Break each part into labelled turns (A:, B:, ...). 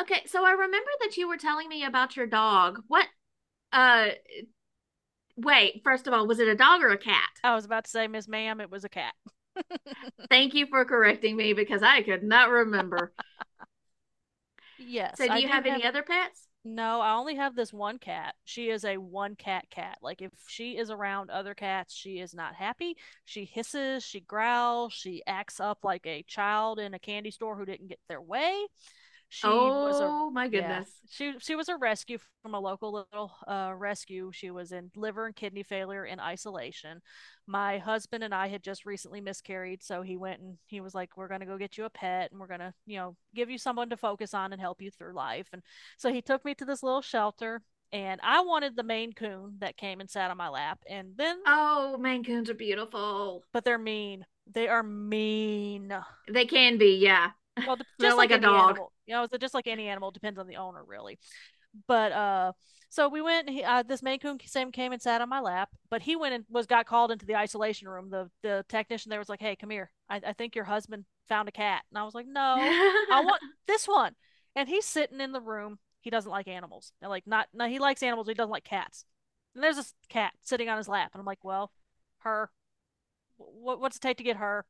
A: Okay, so I remember that you were telling me about your dog. What uh wait, first of all, was it a dog or a cat?
B: I was about to say, Miss Ma'am, it was a cat.
A: Thank you for correcting me because I could not remember.
B: Yes,
A: So do
B: I
A: you
B: do
A: have any
B: have.
A: other pets?
B: No, I only have this one cat. She is a one cat cat. Like, if she is around other cats, she is not happy. She hisses, she growls, she acts up like a child in a candy store who didn't get their way. She was a
A: Oh my
B: Yeah.
A: goodness.
B: She was a rescue from a local little rescue. She was in liver and kidney failure in isolation. My husband and I had just recently miscarried, so he went and he was like, "We're gonna go get you a pet, and we're gonna give you someone to focus on and help you through life." And so he took me to this little shelter, and I wanted the Maine Coon that came and sat on my lap, and then
A: Oh, Maine Coons are beautiful.
B: but they're mean. They are mean.
A: They can be, yeah.
B: Well,
A: They're
B: just
A: like
B: like
A: a
B: any
A: dog.
B: animal, it's just like any animal depends on the owner, really. But So we went, this Maine Coon same came and sat on my lap, but he went and was got called into the isolation room. The technician there was like, "Hey, come here. I think your husband found a cat." And I was like, "No, I want this one." And he's sitting in the room, he doesn't like animals, and, like, not, no, he likes animals, but he doesn't like cats. And there's this cat sitting on his lap, and I'm like, "Well, her, what's it take to get her?"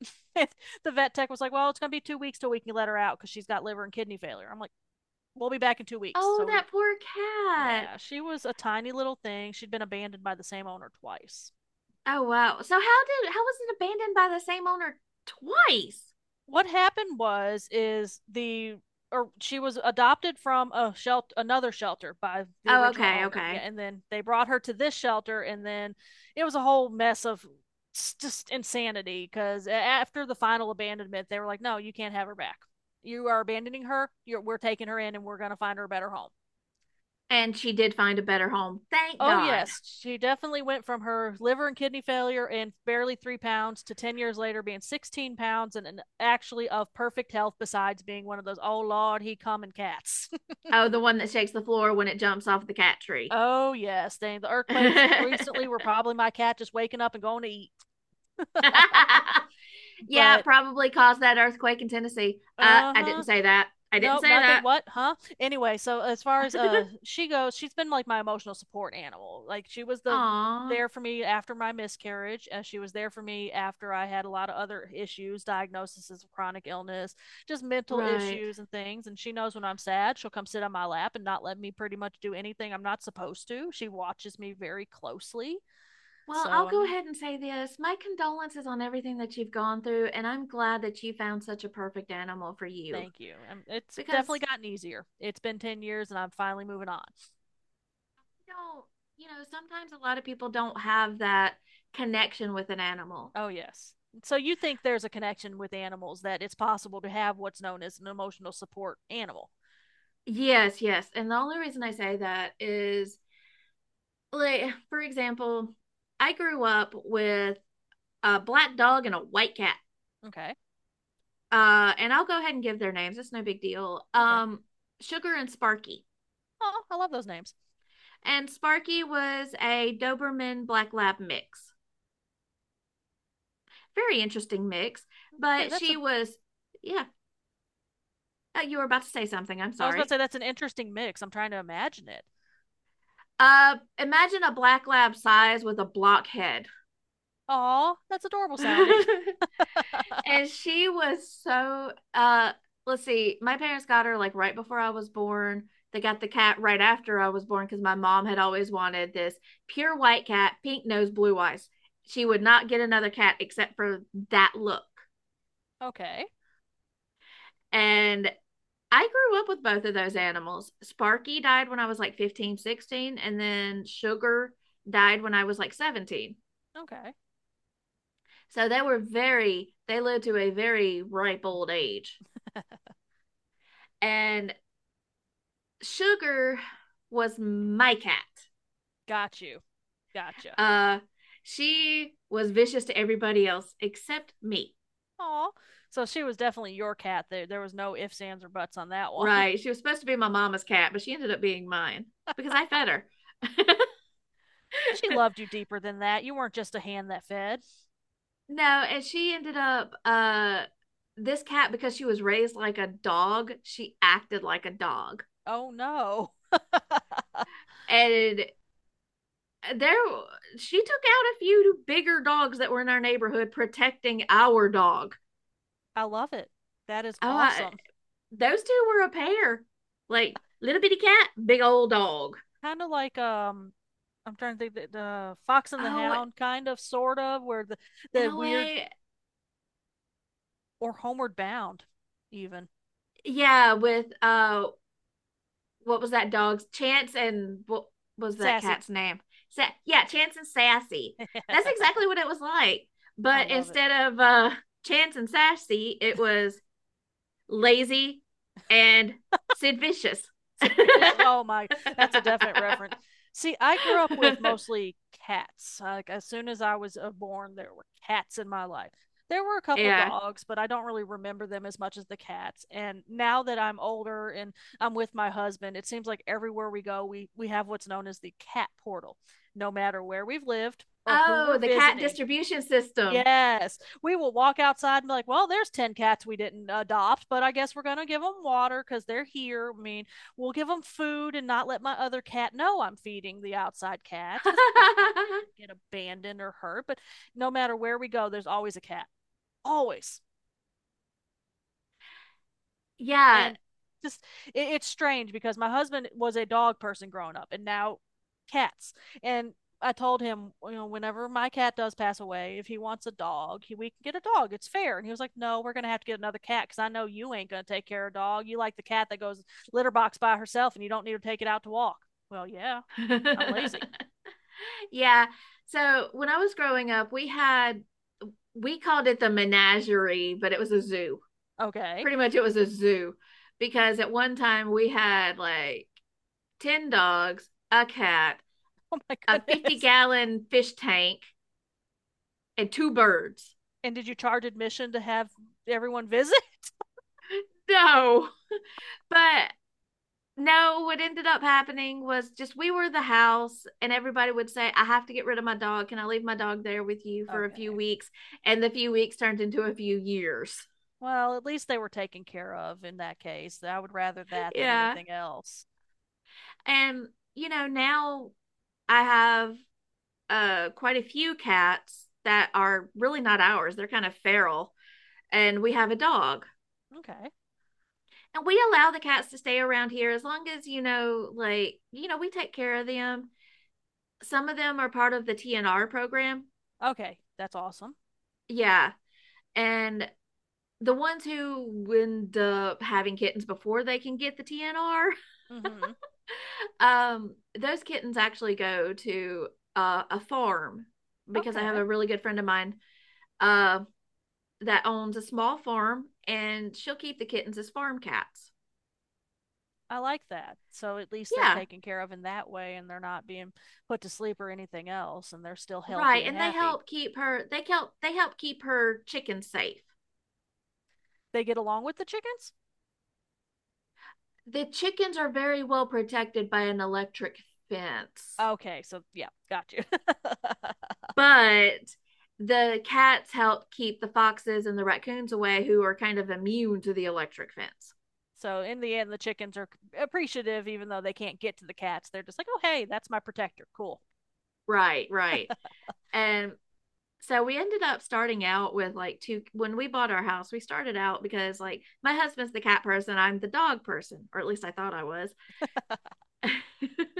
B: And the vet tech was like, "Well, it's going to be 2 weeks till we can let her out because she's got liver and kidney failure." I'm like, "We'll be back in 2 weeks."
A: Oh,
B: so we
A: that poor cat.
B: Yeah, she was a tiny little thing. She'd been abandoned by the same owner twice.
A: Oh wow. So how was it abandoned by the same owner twice?
B: What happened was is the, or she was adopted from a shelter, another shelter, by the
A: Oh,
B: original
A: okay,
B: owner. Yeah,
A: okay.
B: and then they brought her to this shelter, and then it was a whole mess of just insanity, because after the final abandonment they were like, "No, you can't have her back. You are abandoning her. We're taking her in and we're going to find her a better home."
A: And she did find a better home. Thank
B: Oh,
A: God.
B: yes. She definitely went from her liver and kidney failure and barely 3 pounds to 10 years later being 16 pounds and, actually of perfect health, besides being one of those, oh, Lord, he coming cats.
A: Oh, the one that shakes the floor when it jumps off the cat tree.
B: Oh, yes. Dang, the earthquakes recently were probably my cat just waking up and going to eat.
A: Yeah, it
B: But,
A: probably caused that earthquake in Tennessee.
B: uh
A: I didn't
B: huh.
A: say that. I didn't
B: No,
A: say
B: nothing.
A: that.
B: What? Huh? Anyway, so as far as she goes, she's been like my emotional support animal. Like she was
A: Aw,
B: there for me after my miscarriage, as she was there for me after I had a lot of other issues, diagnoses of chronic illness, just mental
A: right.
B: issues and things. And she knows when I'm sad, she'll come sit on my lap and not let me pretty much do anything I'm not supposed to. She watches me very closely.
A: Well, I'll
B: So I
A: go
B: mean,
A: ahead and say this. My condolences on everything that you've gone through, and I'm glad that you found such a perfect animal for you
B: thank you. I'm. It's definitely
A: because
B: gotten easier. It's been 10 years and I'm finally moving on.
A: you know, you know, sometimes a lot of people don't have that connection with an animal.
B: Oh, yes. So you think there's a connection with animals that it's possible to have what's known as an emotional support animal.
A: Yes, yes. And the only reason I say that is, like for example, I grew up with a black dog and a white cat.
B: Okay.
A: And I'll go ahead and give their names. It's no big deal.
B: Okay.
A: Sugar and Sparky.
B: Oh, I love those names.
A: And Sparky was a Doberman Black Lab mix. Very interesting mix.
B: Say
A: But
B: That's
A: she
B: a
A: was, yeah, you were about to say something. I'm
B: I was about to
A: sorry.
B: say that's an interesting mix. I'm trying to imagine it.
A: Imagine a black lab size with a block head.
B: Aw, that's adorable sounding.
A: And she was so let's see, my parents got her like right before I was born. They got the cat right after I was born because my mom had always wanted this pure white cat, pink nose, blue eyes. She would not get another cat except for that look.
B: Okay.
A: And I grew up with both of those animals. Sparky died when I was like 15, 16, and then Sugar died when I was like 17.
B: Okay.
A: So they were very, they lived to a very ripe old age. And Sugar was my cat.
B: Got you. Gotcha.
A: Uh, she was vicious to everybody else except me.
B: Aw. So she was definitely your cat. There was no ifs, ands, or buts on that one.
A: Right. She was supposed to be my mama's cat, but she ended up being mine because I fed her.
B: She loved you deeper than that. You weren't just a hand that fed.
A: No, and she ended up this cat because she was raised like a dog, she acted like a dog.
B: Oh no.
A: And there she took out a few bigger dogs that were in our neighborhood protecting our dog.
B: I love it. That is
A: Oh,
B: awesome.
A: those two were a pair. Like little bitty cat, big old dog.
B: Kind of like, I'm trying to think that the Fox and the
A: Oh,
B: Hound, kind of, sort of, where the
A: in a
B: weird,
A: way,
B: or Homeward Bound, even.
A: yeah, with what was that dog's Chance and what was that
B: Sassy.
A: cat's name? Sa- yeah, Chance and Sassy. That's exactly what it was like.
B: I
A: But
B: love it.
A: instead of Chance and Sassy, it was Lazy and Sid Vicious.
B: And fishes. Oh my, that's a definite reference. See, I grew up with mostly cats. Like as soon as I was born, there were cats in my life. There were a couple
A: Yeah.
B: dogs, but I don't really remember them as much as the cats. And now that I'm older and I'm with my husband, it seems like everywhere we go, we have what's known as the cat portal. No matter where we've lived or who
A: Oh,
B: we're
A: the cat
B: visiting,
A: distribution system.
B: yes, we will walk outside and be like, "Well, there's ten cats we didn't adopt, but I guess we're gonna give them water because they're here. I mean, we'll give them food and not let my other cat know I'm feeding the outside cats because I'm not gonna let them get abandoned or hurt. But no matter where we go, there's always a cat, always."
A: Yeah.
B: And just it's strange because my husband was a dog person growing up and now cats. And I told him, you know, whenever my cat does pass away, if he wants a dog, we can get a dog. It's fair. And he was like, "No, we're going to have to get another cat because I know you ain't going to take care of a dog. You like the cat that goes litter box by herself and you don't need to take it out to walk." Well, yeah, I'm lazy.
A: Yeah. So when I was growing up, we had, we called it the menagerie, but it was a zoo.
B: Okay.
A: Pretty much it was a zoo because at one time we had like 10 dogs, a cat,
B: Oh my
A: a 50
B: goodness.
A: gallon fish tank, and two birds.
B: And did you charge admission to have everyone visit?
A: No. But no, what ended up happening was just we were the house, and everybody would say, I have to get rid of my dog. Can I leave my dog there with you for a few
B: Okay.
A: weeks? And the few weeks turned into a few years.
B: Well, at least they were taken care of in that case. I would rather that than
A: Yeah.
B: anything else.
A: And, you know, now I have quite a few cats that are really not ours, they're kind of feral. And we have a dog.
B: Okay.
A: And we allow the cats to stay around here as long as, you know, like, you know, we take care of them. Some of them are part of the TNR program.
B: Okay. That's awesome.
A: Yeah. And the ones who end up having kittens before they can get the TNR,
B: Mm-hmm.
A: those kittens actually go to a farm because I have
B: Okay.
A: a really good friend of mine, uh, that owns a small farm and she'll keep the kittens as farm cats.
B: I like that. So at least they're
A: Yeah,
B: taken care of in that way and they're not being put to sleep or anything else, and they're still healthy
A: right.
B: and
A: And they
B: happy.
A: help keep her. They help. They help keep her chickens safe.
B: They get along with the chickens?
A: The chickens are very well protected by an electric fence.
B: Okay. So, yeah, got you.
A: But the cats help keep the foxes and the raccoons away, who are kind of immune to the electric fence.
B: So, in the end, the chickens are appreciative even though they can't get to the cats. They're just like, "Oh, hey, that's my protector. Cool."
A: Right, right. And so we ended up starting out with like two when we bought our house. We started out because like my husband's the cat person, I'm the dog person, or at least I thought I was.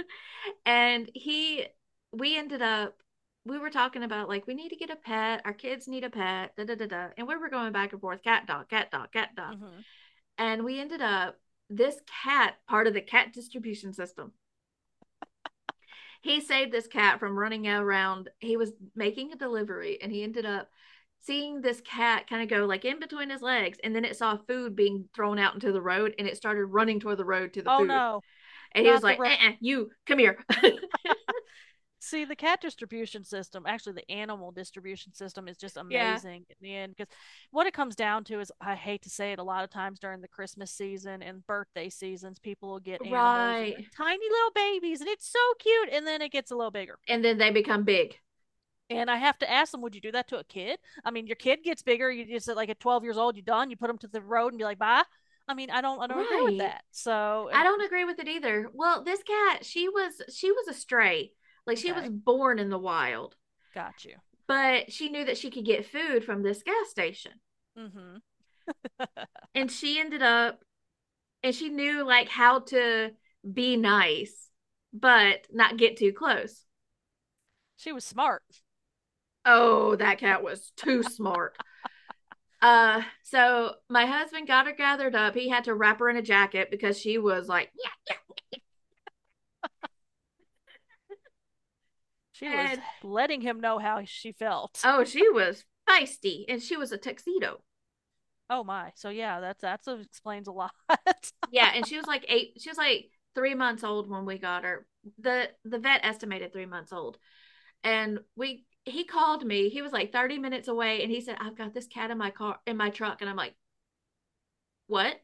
A: And he we ended up, we were talking about like we need to get a pet, our kids need a pet, da da da da, and we were going back and forth, cat dog, cat dog, cat dog.
B: Mm-hmm.
A: And we ended up, this cat, part of the cat distribution system, he saved this cat from running around. He was making a delivery and he ended up seeing this cat kind of go like in between his legs, and then it saw food being thrown out into the road and it started running toward the road to the
B: Oh,
A: food.
B: no,
A: And he was
B: not the
A: like,
B: rodent.
A: uh-uh, you come here.
B: See, the cat distribution system, actually the animal distribution system, is just
A: Yeah,
B: amazing. In the end, because what it comes down to is, I hate to say it, a lot of times during the Christmas season and birthday seasons people will get animals and they're
A: right.
B: tiny little babies and it's so cute, and then it gets a little bigger,
A: And then they become big.
B: and I have to ask them, would you do that to a kid? I mean, your kid gets bigger, you just like at 12 years old you are done, you put them to the road and be like, "Bye." I mean, I don't agree with
A: Right,
B: that, so
A: I don't agree with it either. Well, this cat, she was a stray, like she was
B: Okay.
A: born in the wild,
B: Got you.
A: but she knew that she could get food from this gas station.
B: Mm-hmm.
A: And she ended up, and she knew like how to be nice but not get too close.
B: She was smart.
A: Oh, that cat was too smart. So my husband got her gathered up. He had to wrap her in a jacket because she was like,
B: She
A: yeah.
B: was
A: And
B: letting him know how she felt.
A: oh, she was feisty and she was a tuxedo.
B: Oh my. So yeah, that explains a lot.
A: Yeah. And she was like 3 months old when we got her. The vet estimated 3 months old. And we he called me. He was like 30 minutes away and he said, I've got this cat in my car, in my truck. And I'm like, what?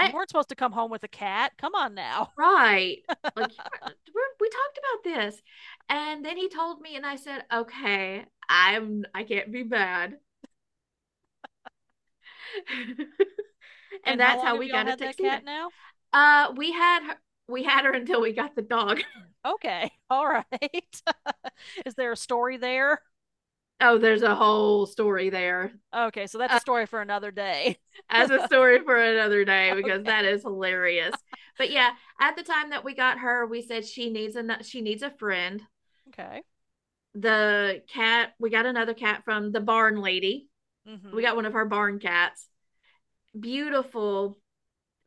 B: You weren't supposed to come home with a cat. Come on now.
A: Right. Like you were, we talked about this. And then he told me and I said, okay, I can't be bad. And
B: And how
A: that's
B: long
A: how
B: have
A: we
B: y'all
A: got a
B: had that
A: tuxedo.
B: cat now?
A: Uh, we had her until we got the dog.
B: Okay. All right. Is there a story there?
A: Oh, there's a whole story there.
B: Okay, so that's a story for another day.
A: As a story for another day because that
B: Okay.
A: is hilarious. But yeah, at the time that we got her, we said she needs a friend.
B: Okay.
A: The cat We got another cat from the barn lady. We
B: Mm-hmm.
A: got one of her barn cats. Beautiful,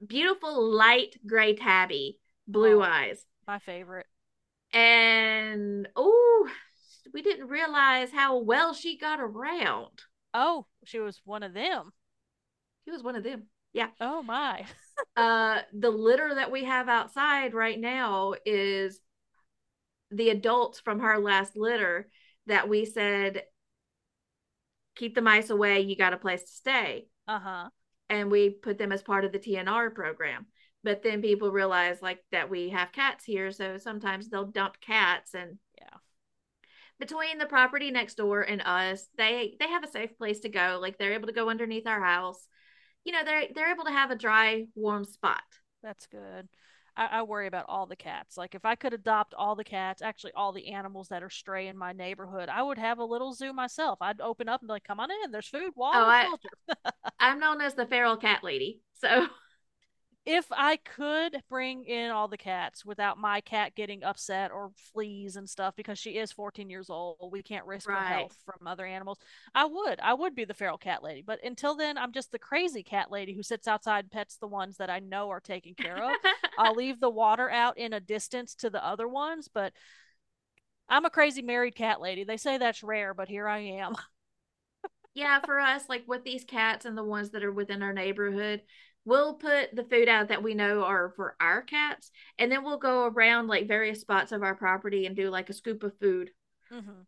A: beautiful light gray tabby, blue
B: Oh,
A: eyes,
B: my favorite.
A: and oh, we didn't realize how well she got around.
B: Oh, she was one of them.
A: She was one of them. Yeah.
B: Oh my.
A: The litter that we have outside right now is the adults from her last litter that we said, keep the mice away, you got a place to stay.
B: Uh-huh.
A: And we put them as part of the TNR program. But then people realize like that we have cats here, so sometimes they'll dump cats. And
B: Yeah.
A: between the property next door and us, they have a safe place to go, like they're able to go underneath our house. You know, they're able to have a dry, warm spot.
B: That's good. I worry about all the cats. Like if I could adopt all the cats, actually all the animals that are stray in my neighborhood, I would have a little zoo myself. I'd open up and be like, "Come on in. There's food,
A: Oh,
B: water,
A: i
B: shelter."
A: i'm known as the feral cat lady, so
B: If I could bring in all the cats without my cat getting upset or fleas and stuff because she is 14 years old, we can't risk her
A: right.
B: health from other animals. I would. I would be the feral cat lady. But until then, I'm just the crazy cat lady who sits outside and pets the ones that I know are taken care of. I'll leave the water out in a distance to the other ones, but I'm a crazy married cat lady. They say that's rare, but here I am.
A: Yeah, for us, like with these cats and the ones that are within our neighborhood, we'll put the food out that we know are for our cats, and then we'll go around like various spots of our property and do like a scoop of food
B: Hmm.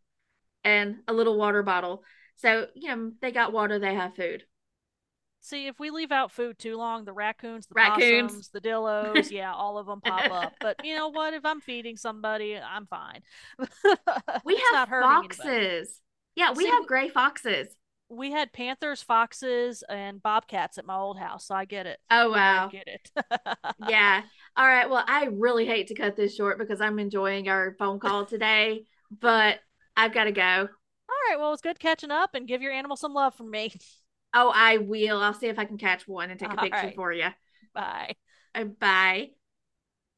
A: and a little water bottle. So, you know, they got water, they have food.
B: See, if we leave out food too long, the raccoons, the
A: Raccoons.
B: possums, the dillos, yeah, all of them
A: We
B: pop
A: have
B: up. But you know what? If I'm feeding somebody, I'm fine. It's not hurting anybody.
A: foxes. Yeah, we
B: See,
A: have gray foxes.
B: we had panthers, foxes, and bobcats at my old house, so I get it.
A: Oh,
B: I
A: wow.
B: get it. All
A: Yeah. All right. Well, I really hate to cut this short because I'm enjoying our phone call today, but I've got to go.
B: right, well, it's good catching up and give your animal some love from me.
A: Oh, I will. I'll see if I can catch one and take a
B: All
A: picture
B: right,
A: for you.
B: bye.
A: Bye.